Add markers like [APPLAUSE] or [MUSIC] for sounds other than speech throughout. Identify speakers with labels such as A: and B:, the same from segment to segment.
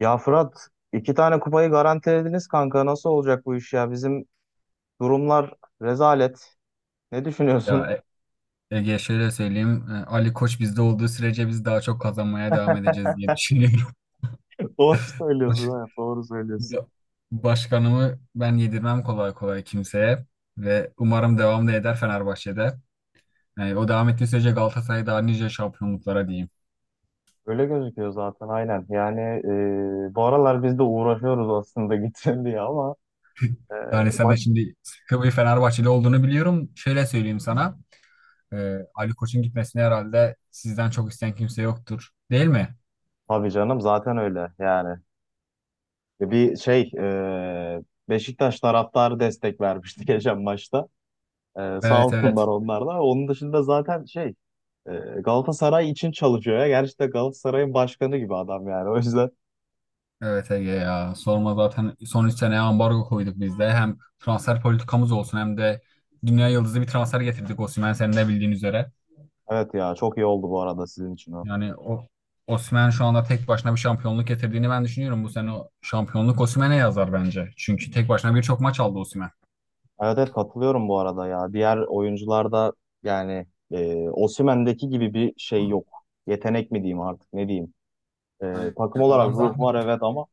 A: Ya Fırat iki tane kupayı garantilediniz kanka. Nasıl olacak bu iş ya? Bizim durumlar rezalet. Ne
B: Ya
A: düşünüyorsun?
B: Ege şöyle söyleyeyim. Ali Koç bizde olduğu sürece biz daha çok kazanmaya devam edeceğiz diye düşünüyorum.
A: [LAUGHS] Doğru
B: [LAUGHS] Baş-
A: söylüyorsun, evet, doğru söylüyorsun.
B: Ya, başkanımı ben yedirmem kolay kolay kimseye ve umarım devam da eder Fenerbahçe'de. Yani o devam ettiği sürece Galatasaray daha nice şampiyonluklara diyeyim.
A: Öyle gözüküyor zaten aynen. Yani bu aralar biz de uğraşıyoruz aslında [LAUGHS] gitsin diye ama e,
B: Yani sen de
A: bak,
B: şimdi sıkı bir Fenerbahçeli olduğunu biliyorum. Şöyle söyleyeyim sana. Ali Koç'un gitmesini herhalde sizden çok isteyen kimse yoktur, değil mi?
A: tabii canım zaten öyle yani. e, Bir şey e, Beşiktaş taraftarı destek vermişti [LAUGHS] geçen maçta. Sağ
B: Evet, evet.
A: olsunlar onlar da. Onun dışında zaten E, Galatasaray için çalışıyor ya. Gerçekten Galatasaray'ın başkanı gibi adam yani. O yüzden
B: Evet Ege, ya sorma, zaten son 3 seneye ambargo koyduk biz de. Hem transfer politikamız olsun hem de dünya yıldızı bir transfer getirdik, Osimhen, senin de bildiğin üzere.
A: evet ya, çok iyi oldu bu arada sizin için o.
B: Yani o Osimhen şu anda tek başına bir şampiyonluk getirdiğini ben düşünüyorum. Bu sene o şampiyonluk Osimhen'e yazar bence. Çünkü tek başına birçok maç aldı Osimhen.
A: Evet evet, katılıyorum bu arada ya. Diğer oyuncularda yani Osimhen'deki gibi bir şey yok. Yetenek mi diyeyim artık ne diyeyim.
B: Yani
A: Takım olarak
B: adam
A: ruh
B: zaten
A: var evet ama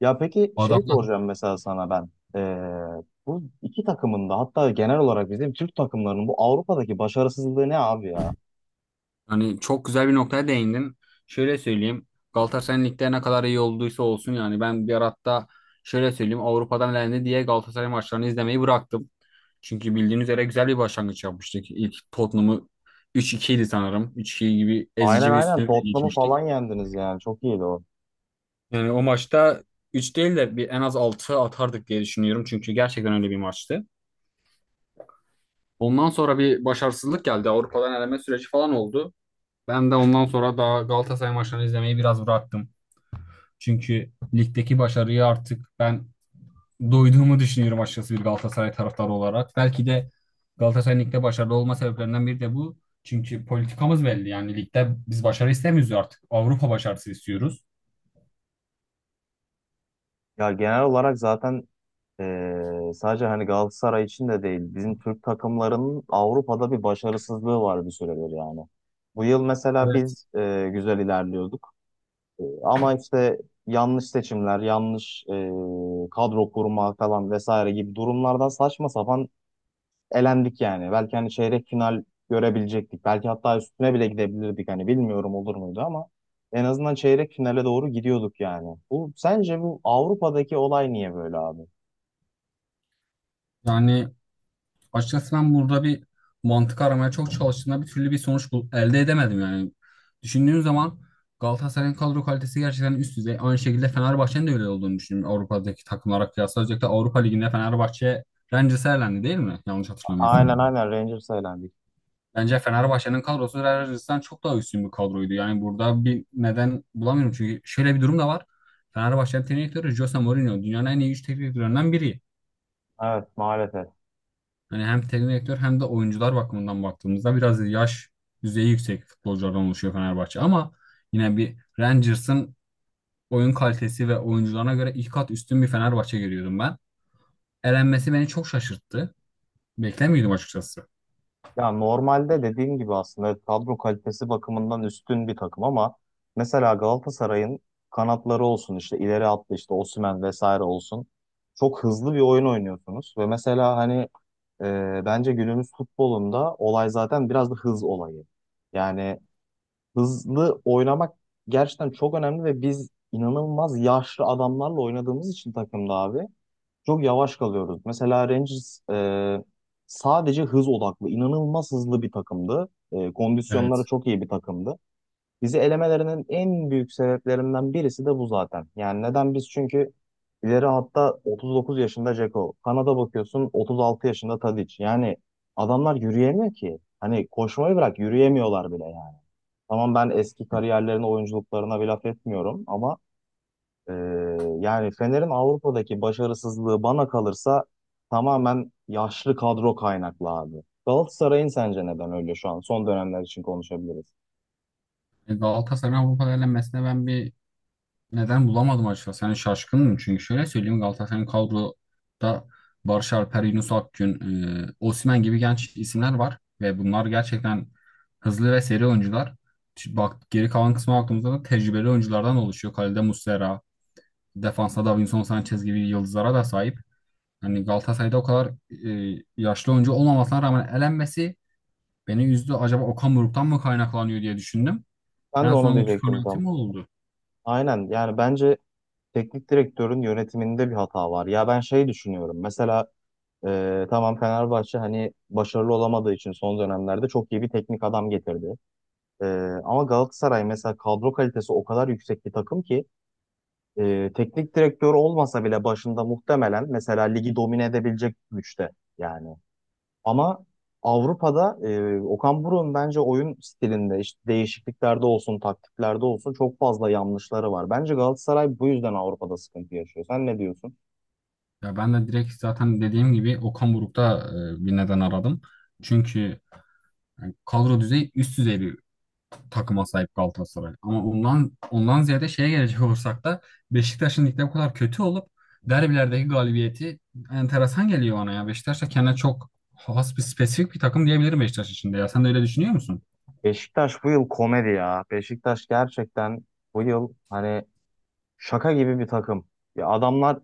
A: ya, peki şey
B: adam
A: soracağım mesela sana ben. E, Bu iki takımın da hatta genel olarak bizim Türk takımlarının bu Avrupa'daki başarısızlığı ne abi ya?
B: hani çok güzel bir noktaya değindin. Şöyle söyleyeyim. Galatasaray'ın ligde ne kadar iyi olduysa olsun, yani ben bir ara, hatta şöyle söyleyeyim, Avrupa'dan elendi diye Galatasaray maçlarını izlemeyi bıraktım. Çünkü bildiğiniz üzere güzel bir başlangıç yapmıştık. İlk Tottenham'ı 3-2 idi sanırım. 3-2 gibi
A: Aynen
B: ezici bir
A: aynen,
B: üstünlükle
A: Tottenham'ı falan
B: geçmiştik.
A: yendiniz yani çok iyiydi o.
B: Yani o maçta 3 değil de bir, en az 6 atardık diye düşünüyorum. Çünkü gerçekten öyle bir maçtı. Ondan sonra bir başarısızlık geldi. Avrupa'dan eleme süreci falan oldu. Ben de ondan sonra daha Galatasaray maçlarını izlemeyi biraz bıraktım. Çünkü ligdeki başarıya artık ben doyduğumu düşünüyorum açıkçası, bir Galatasaray taraftarı olarak. Belki de Galatasaray'ın ligde başarılı olma sebeplerinden biri de bu. Çünkü politikamız belli. Yani ligde biz başarı istemiyoruz artık. Avrupa başarısı istiyoruz.
A: Ya genel olarak zaten sadece hani Galatasaray için de değil, bizim Türk takımlarının Avrupa'da bir başarısızlığı var bir süredir yani. Bu yıl mesela
B: Evet.
A: biz güzel ilerliyorduk. Ama işte yanlış seçimler, yanlış kadro kurma falan vesaire gibi durumlardan saçma sapan elendik yani. Belki hani çeyrek final görebilecektik. Belki hatta üstüne bile gidebilirdik. Hani bilmiyorum olur muydu ama en azından çeyrek finale doğru gidiyorduk yani. Bu sence bu Avrupa'daki olay niye böyle abi?
B: Yani, açıkçası ben burada bir mantık aramaya çok çalıştığımda bir türlü bir sonuç elde edemedim yani. Düşündüğüm zaman Galatasaray'ın kadro kalitesi gerçekten üst düzey. Aynı şekilde Fenerbahçe'nin de öyle olduğunu düşünüyorum, Avrupa'daki takımlara kıyasla. Özellikle Avrupa Ligi'nde Fenerbahçe Rangers'e elendi, değil mi? Yanlış
A: Aynen
B: hatırlamıyorsam.
A: aynen, Rangers'a elendik.
B: Bence Fenerbahçe'nin kadrosu Rangers'tan çok daha üstün bir kadroydu. Yani burada bir neden bulamıyorum. Çünkü şöyle bir durum da var. Fenerbahçe'nin teknik direktörü Jose Mourinho dünyanın en iyi 3 teknik direktörlerinden biri.
A: Evet maalesef.
B: Hani hem teknik direktör hem de oyuncular bakımından baktığımızda biraz yaş düzeyi yüksek futbolculardan oluşuyor Fenerbahçe. Ama yine bir Rangers'ın oyun kalitesi ve oyuncularına göre ilk kat üstün bir Fenerbahçe görüyordum ben. Elenmesi beni çok şaşırttı. Beklemiyordum açıkçası.
A: Ya normalde dediğim gibi aslında evet, kadro kalitesi bakımından üstün bir takım ama mesela Galatasaray'ın kanatları olsun, işte ileri attı işte Osimhen vesaire olsun. Çok hızlı bir oyun oynuyorsunuz ve mesela hani bence günümüz futbolunda olay zaten biraz da hız olayı. Yani hızlı oynamak gerçekten çok önemli ve biz inanılmaz yaşlı adamlarla oynadığımız için takımda abi çok yavaş kalıyoruz. Mesela Rangers sadece hız odaklı, inanılmaz hızlı bir takımdı. Kondisyonları
B: Evet.
A: çok iyi bir takımdı. Bizi elemelerinin en büyük sebeplerinden birisi de bu zaten. Yani neden biz? Çünkü ileri hatta 39 yaşında Dzeko. Kanada bakıyorsun 36 yaşında Tadic. Yani adamlar yürüyemiyor ki. Hani koşmayı bırak yürüyemiyorlar bile yani. Tamam ben eski kariyerlerine, oyunculuklarına bir laf etmiyorum ama e, yani Fener'in Avrupa'daki başarısızlığı bana kalırsa tamamen yaşlı kadro kaynaklı abi. Galatasaray'ın sence neden öyle şu an? Son dönemler için konuşabiliriz.
B: E, Galatasaray'ın Avrupa'da elenmesine ben bir neden bulamadım açıkçası. Yani şaşkınım, çünkü şöyle söyleyeyim, Galatasaray'ın kadroda Barış Alper, Yunus Akgün, Osimhen gibi genç isimler var ve bunlar gerçekten hızlı ve seri oyuncular. Şimdi bak, geri kalan kısma baktığımızda da tecrübeli oyunculardan oluşuyor. Kalede Muslera, defansta Davinson Sanchez gibi yıldızlara da sahip. Hani Galatasaray'da o kadar yaşlı oyuncu olmamasına rağmen elenmesi beni üzdü. Acaba Okan Buruk'tan mı kaynaklanıyor diye düşündüm.
A: Ben de
B: En
A: onu
B: son ki
A: diyecektim
B: kanaatim
A: tam.
B: o oldu.
A: Aynen, yani bence teknik direktörün yönetiminde bir hata var. Ya ben şey düşünüyorum mesela, tamam Fenerbahçe hani başarılı olamadığı için son dönemlerde çok iyi bir teknik adam getirdi. E, Ama Galatasaray mesela kadro kalitesi o kadar yüksek bir takım ki teknik direktör olmasa bile başında muhtemelen mesela ligi domine edebilecek güçte yani. Ama Avrupa'da Okan Buruk'un bence oyun stilinde işte değişikliklerde olsun, taktiklerde olsun çok fazla yanlışları var. Bence Galatasaray bu yüzden Avrupa'da sıkıntı yaşıyor. Sen ne diyorsun?
B: Ya ben de direkt, zaten dediğim gibi Okan Buruk'ta bir neden aradım. Çünkü yani kadro düzeyi üst düzey bir takıma sahip Galatasaray. Ama ondan ziyade şeye gelecek [LAUGHS] olursak da Beşiktaş'ın ligde bu kadar kötü olup derbilerdeki galibiyeti enteresan geliyor bana ya. Beşiktaş da kendine çok has, bir spesifik bir takım diyebilirim Beşiktaş için de ya. Sen de öyle düşünüyor musun?
A: Beşiktaş bu yıl komedi ya. Beşiktaş gerçekten bu yıl hani şaka gibi bir takım. Ya adamlar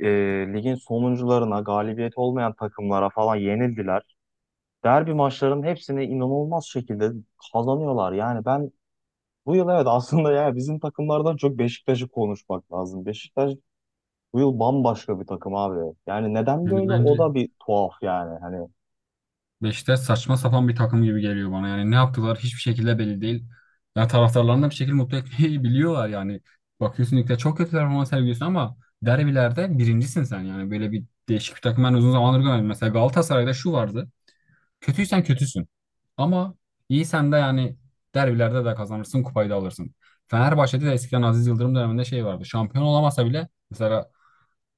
A: e, ligin sonuncularına, galibiyet olmayan takımlara falan yenildiler. Derbi maçlarının hepsini inanılmaz şekilde kazanıyorlar. Yani ben bu yıl evet, aslında ya bizim takımlardan çok Beşiktaş'ı konuşmak lazım. Beşiktaş bu yıl bambaşka bir takım abi. Yani neden
B: Yani
A: böyle,
B: bence
A: o da bir tuhaf yani. Hani
B: Beşiktaş saçma sapan bir takım gibi geliyor bana. Yani ne yaptılar hiçbir şekilde belli değil. Ya taraftarlarını da bir şekilde mutlu etmeyi [LAUGHS] biliyorlar yani. Bakıyorsun ligde çok kötü performans sergiliyorsun ama derbilerde birincisin sen yani. Böyle bir değişik bir takım ben uzun zamandır görmedim. Mesela Galatasaray'da şu vardı. Kötüysen kötüsün. Ama iyisen de yani derbilerde de kazanırsın, kupayı da alırsın. Fenerbahçe'de de eskiden Aziz Yıldırım döneminde şey vardı. Şampiyon olamasa bile mesela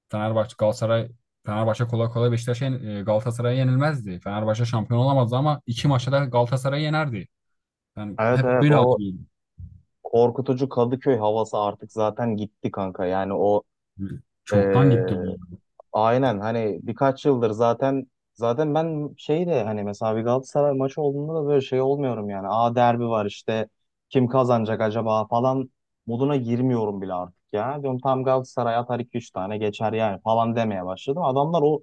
B: Fenerbahçe Galatasaray, Fenerbahçe kolay kolay Beşiktaş'a Galatasaray'a yenilmezdi. Fenerbahçe şampiyon olamazdı ama 2 maçta da Galatasaray'ı yenerdi. Ben
A: evet
B: hep
A: evet,
B: böyle
A: o
B: hatırlıyorum.
A: korkutucu Kadıköy havası artık zaten gitti kanka. Yani o,
B: Çoktan gitti bu.
A: aynen, hani birkaç yıldır zaten, zaten ben şey de hani mesela bir Galatasaray maçı olduğunda da böyle şey olmuyorum yani. Aa, derbi var işte, kim kazanacak acaba falan moduna girmiyorum bile artık ya. Diyorum tam Galatasaray atar 2-3 tane geçer yani falan demeye başladım. Adamlar o,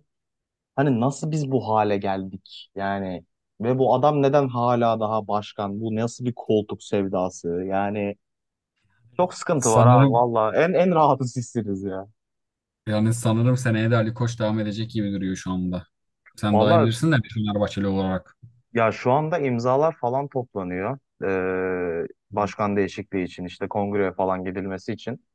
A: hani nasıl biz bu hale geldik yani ve bu adam neden hala daha başkan? Bu nasıl bir koltuk sevdası? Yani çok sıkıntı var abi
B: Sanırım,
A: valla, en rahatsız sizsiniz ya.
B: yani sanırım seneye de Ali Koç devam edecek gibi duruyor şu anda. Sen daha iyi
A: Valla
B: bilirsin de bir Fenerbahçeli olarak.
A: ya şu anda imzalar falan toplanıyor. Ee, Başkan değişikliği için işte kongreye falan gidilmesi için.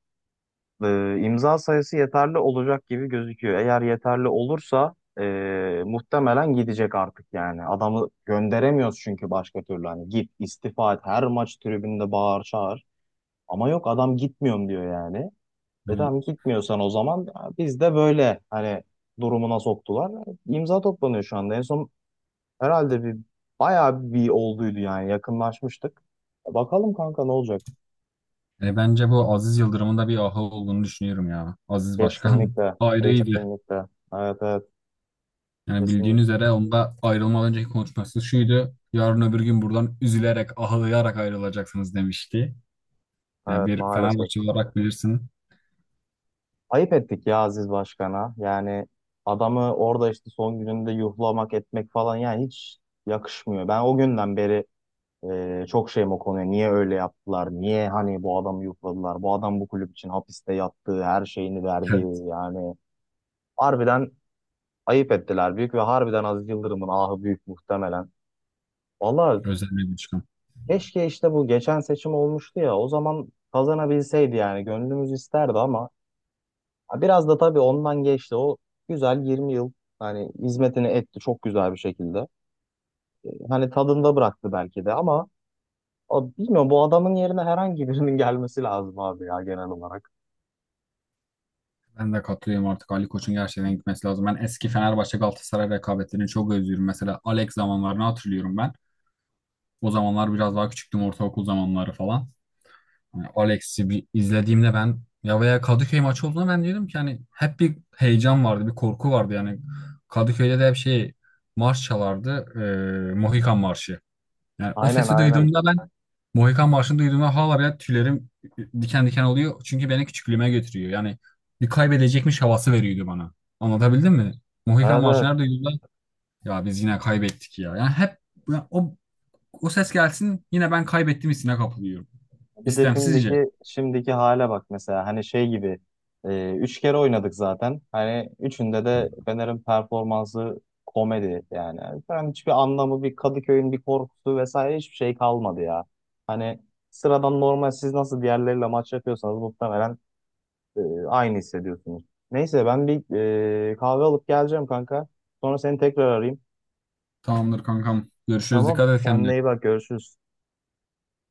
A: İmza sayısı yeterli olacak gibi gözüküyor. Eğer yeterli olursa muhtemelen gidecek artık yani. Adamı gönderemiyoruz çünkü başka türlü. Hani git istifa et, her maç tribünde bağır çağır. Ama yok, adam gitmiyorum diyor yani. E
B: Yani
A: tamam, gitmiyorsan o zaman ya biz de böyle hani durumuna soktular. İmza toplanıyor şu anda. En son herhalde bir bayağı bir olduydu yani, yakınlaşmıştık. Bakalım kanka ne olacak?
B: bence bu Aziz Yıldırım'ın da bir ahı olduğunu düşünüyorum ya. Aziz Başkan
A: Kesinlikle,
B: [LAUGHS] ayrıydı.
A: kesinlikle. Evet evet,
B: Yani bildiğiniz
A: kesinlikle.
B: üzere onda ayrılmadan önceki konuşması şuydu. Yarın öbür gün buradan üzülerek, ağlayarak ayrılacaksınız demişti. Yani
A: Evet
B: bir
A: maalesef.
B: Fenerbahçe olarak bilirsin.
A: Ayıp ettik ya Aziz Başkan'a. Yani adamı orada işte son gününde yuhlamak etmek falan yani hiç yakışmıyor. Ben o günden beri çok şeyim o konuya. Niye öyle yaptılar? Niye hani bu adamı yuhladılar? Bu adam bu kulüp için hapiste yattığı, her şeyini verdi
B: Evet,
A: yani. Harbiden ayıp ettiler büyük ve harbiden Aziz Yıldırım'ın ahı büyük muhtemelen. Valla
B: özel bir çıkım.
A: keşke işte bu geçen seçim olmuştu ya, o zaman kazanabilseydi yani, gönlümüz isterdi ama ha, biraz da tabii ondan geçti o güzel 20 yıl hani hizmetini etti çok güzel bir şekilde. Hani tadında bıraktı belki de ama o, bilmiyorum, bu adamın yerine herhangi birinin [LAUGHS] gelmesi lazım abi ya genel olarak.
B: Ben de katılıyorum, artık Ali Koç'un gerçekten gitmesi lazım. Ben eski Fenerbahçe Galatasaray rekabetlerini çok özlüyorum. Mesela Alex zamanlarını hatırlıyorum ben. O zamanlar biraz daha küçüktüm, ortaokul zamanları falan. Yani Alex'i bir izlediğimde ben ya, veya Kadıköy maçı olduğunda ben diyordum ki hani hep bir heyecan vardı, bir korku vardı yani. Kadıköy'de de hep şey marş çalardı, Mohikan Marşı. Yani o
A: Aynen
B: sesi
A: aynen.
B: duyduğumda ben, Mohikan Marşı'nı duyduğumda hala bile tüylerim diken diken oluyor. Çünkü beni küçüklüğüme götürüyor. Yani bir kaybedecekmiş havası veriyordu bana. Anlatabildim mi? Mohikan
A: Evet,
B: Marşı'nı
A: evet.
B: her duyduğumda ya biz yine kaybettik ya. Yani hep ya o ses gelsin yine ben kaybettim hissine kapılıyorum.
A: Bir de
B: İstemsizce.
A: şimdiki hale bak mesela hani şey gibi, üç kere oynadık zaten. Hani üçünde de Fener'in performansı komedi yani. Yani hiçbir anlamı, bir Kadıköy'ün bir korkusu vesaire hiçbir şey kalmadı ya. Hani sıradan normal siz nasıl diğerleriyle maç yapıyorsanız muhtemelen e, aynı hissediyorsunuz. Neyse ben bir kahve alıp geleceğim kanka. Sonra seni tekrar arayayım.
B: Tamamdır kankam. Görüşürüz.
A: Tamam.
B: Dikkat et
A: Kendine
B: kendine.
A: iyi bak, görüşürüz.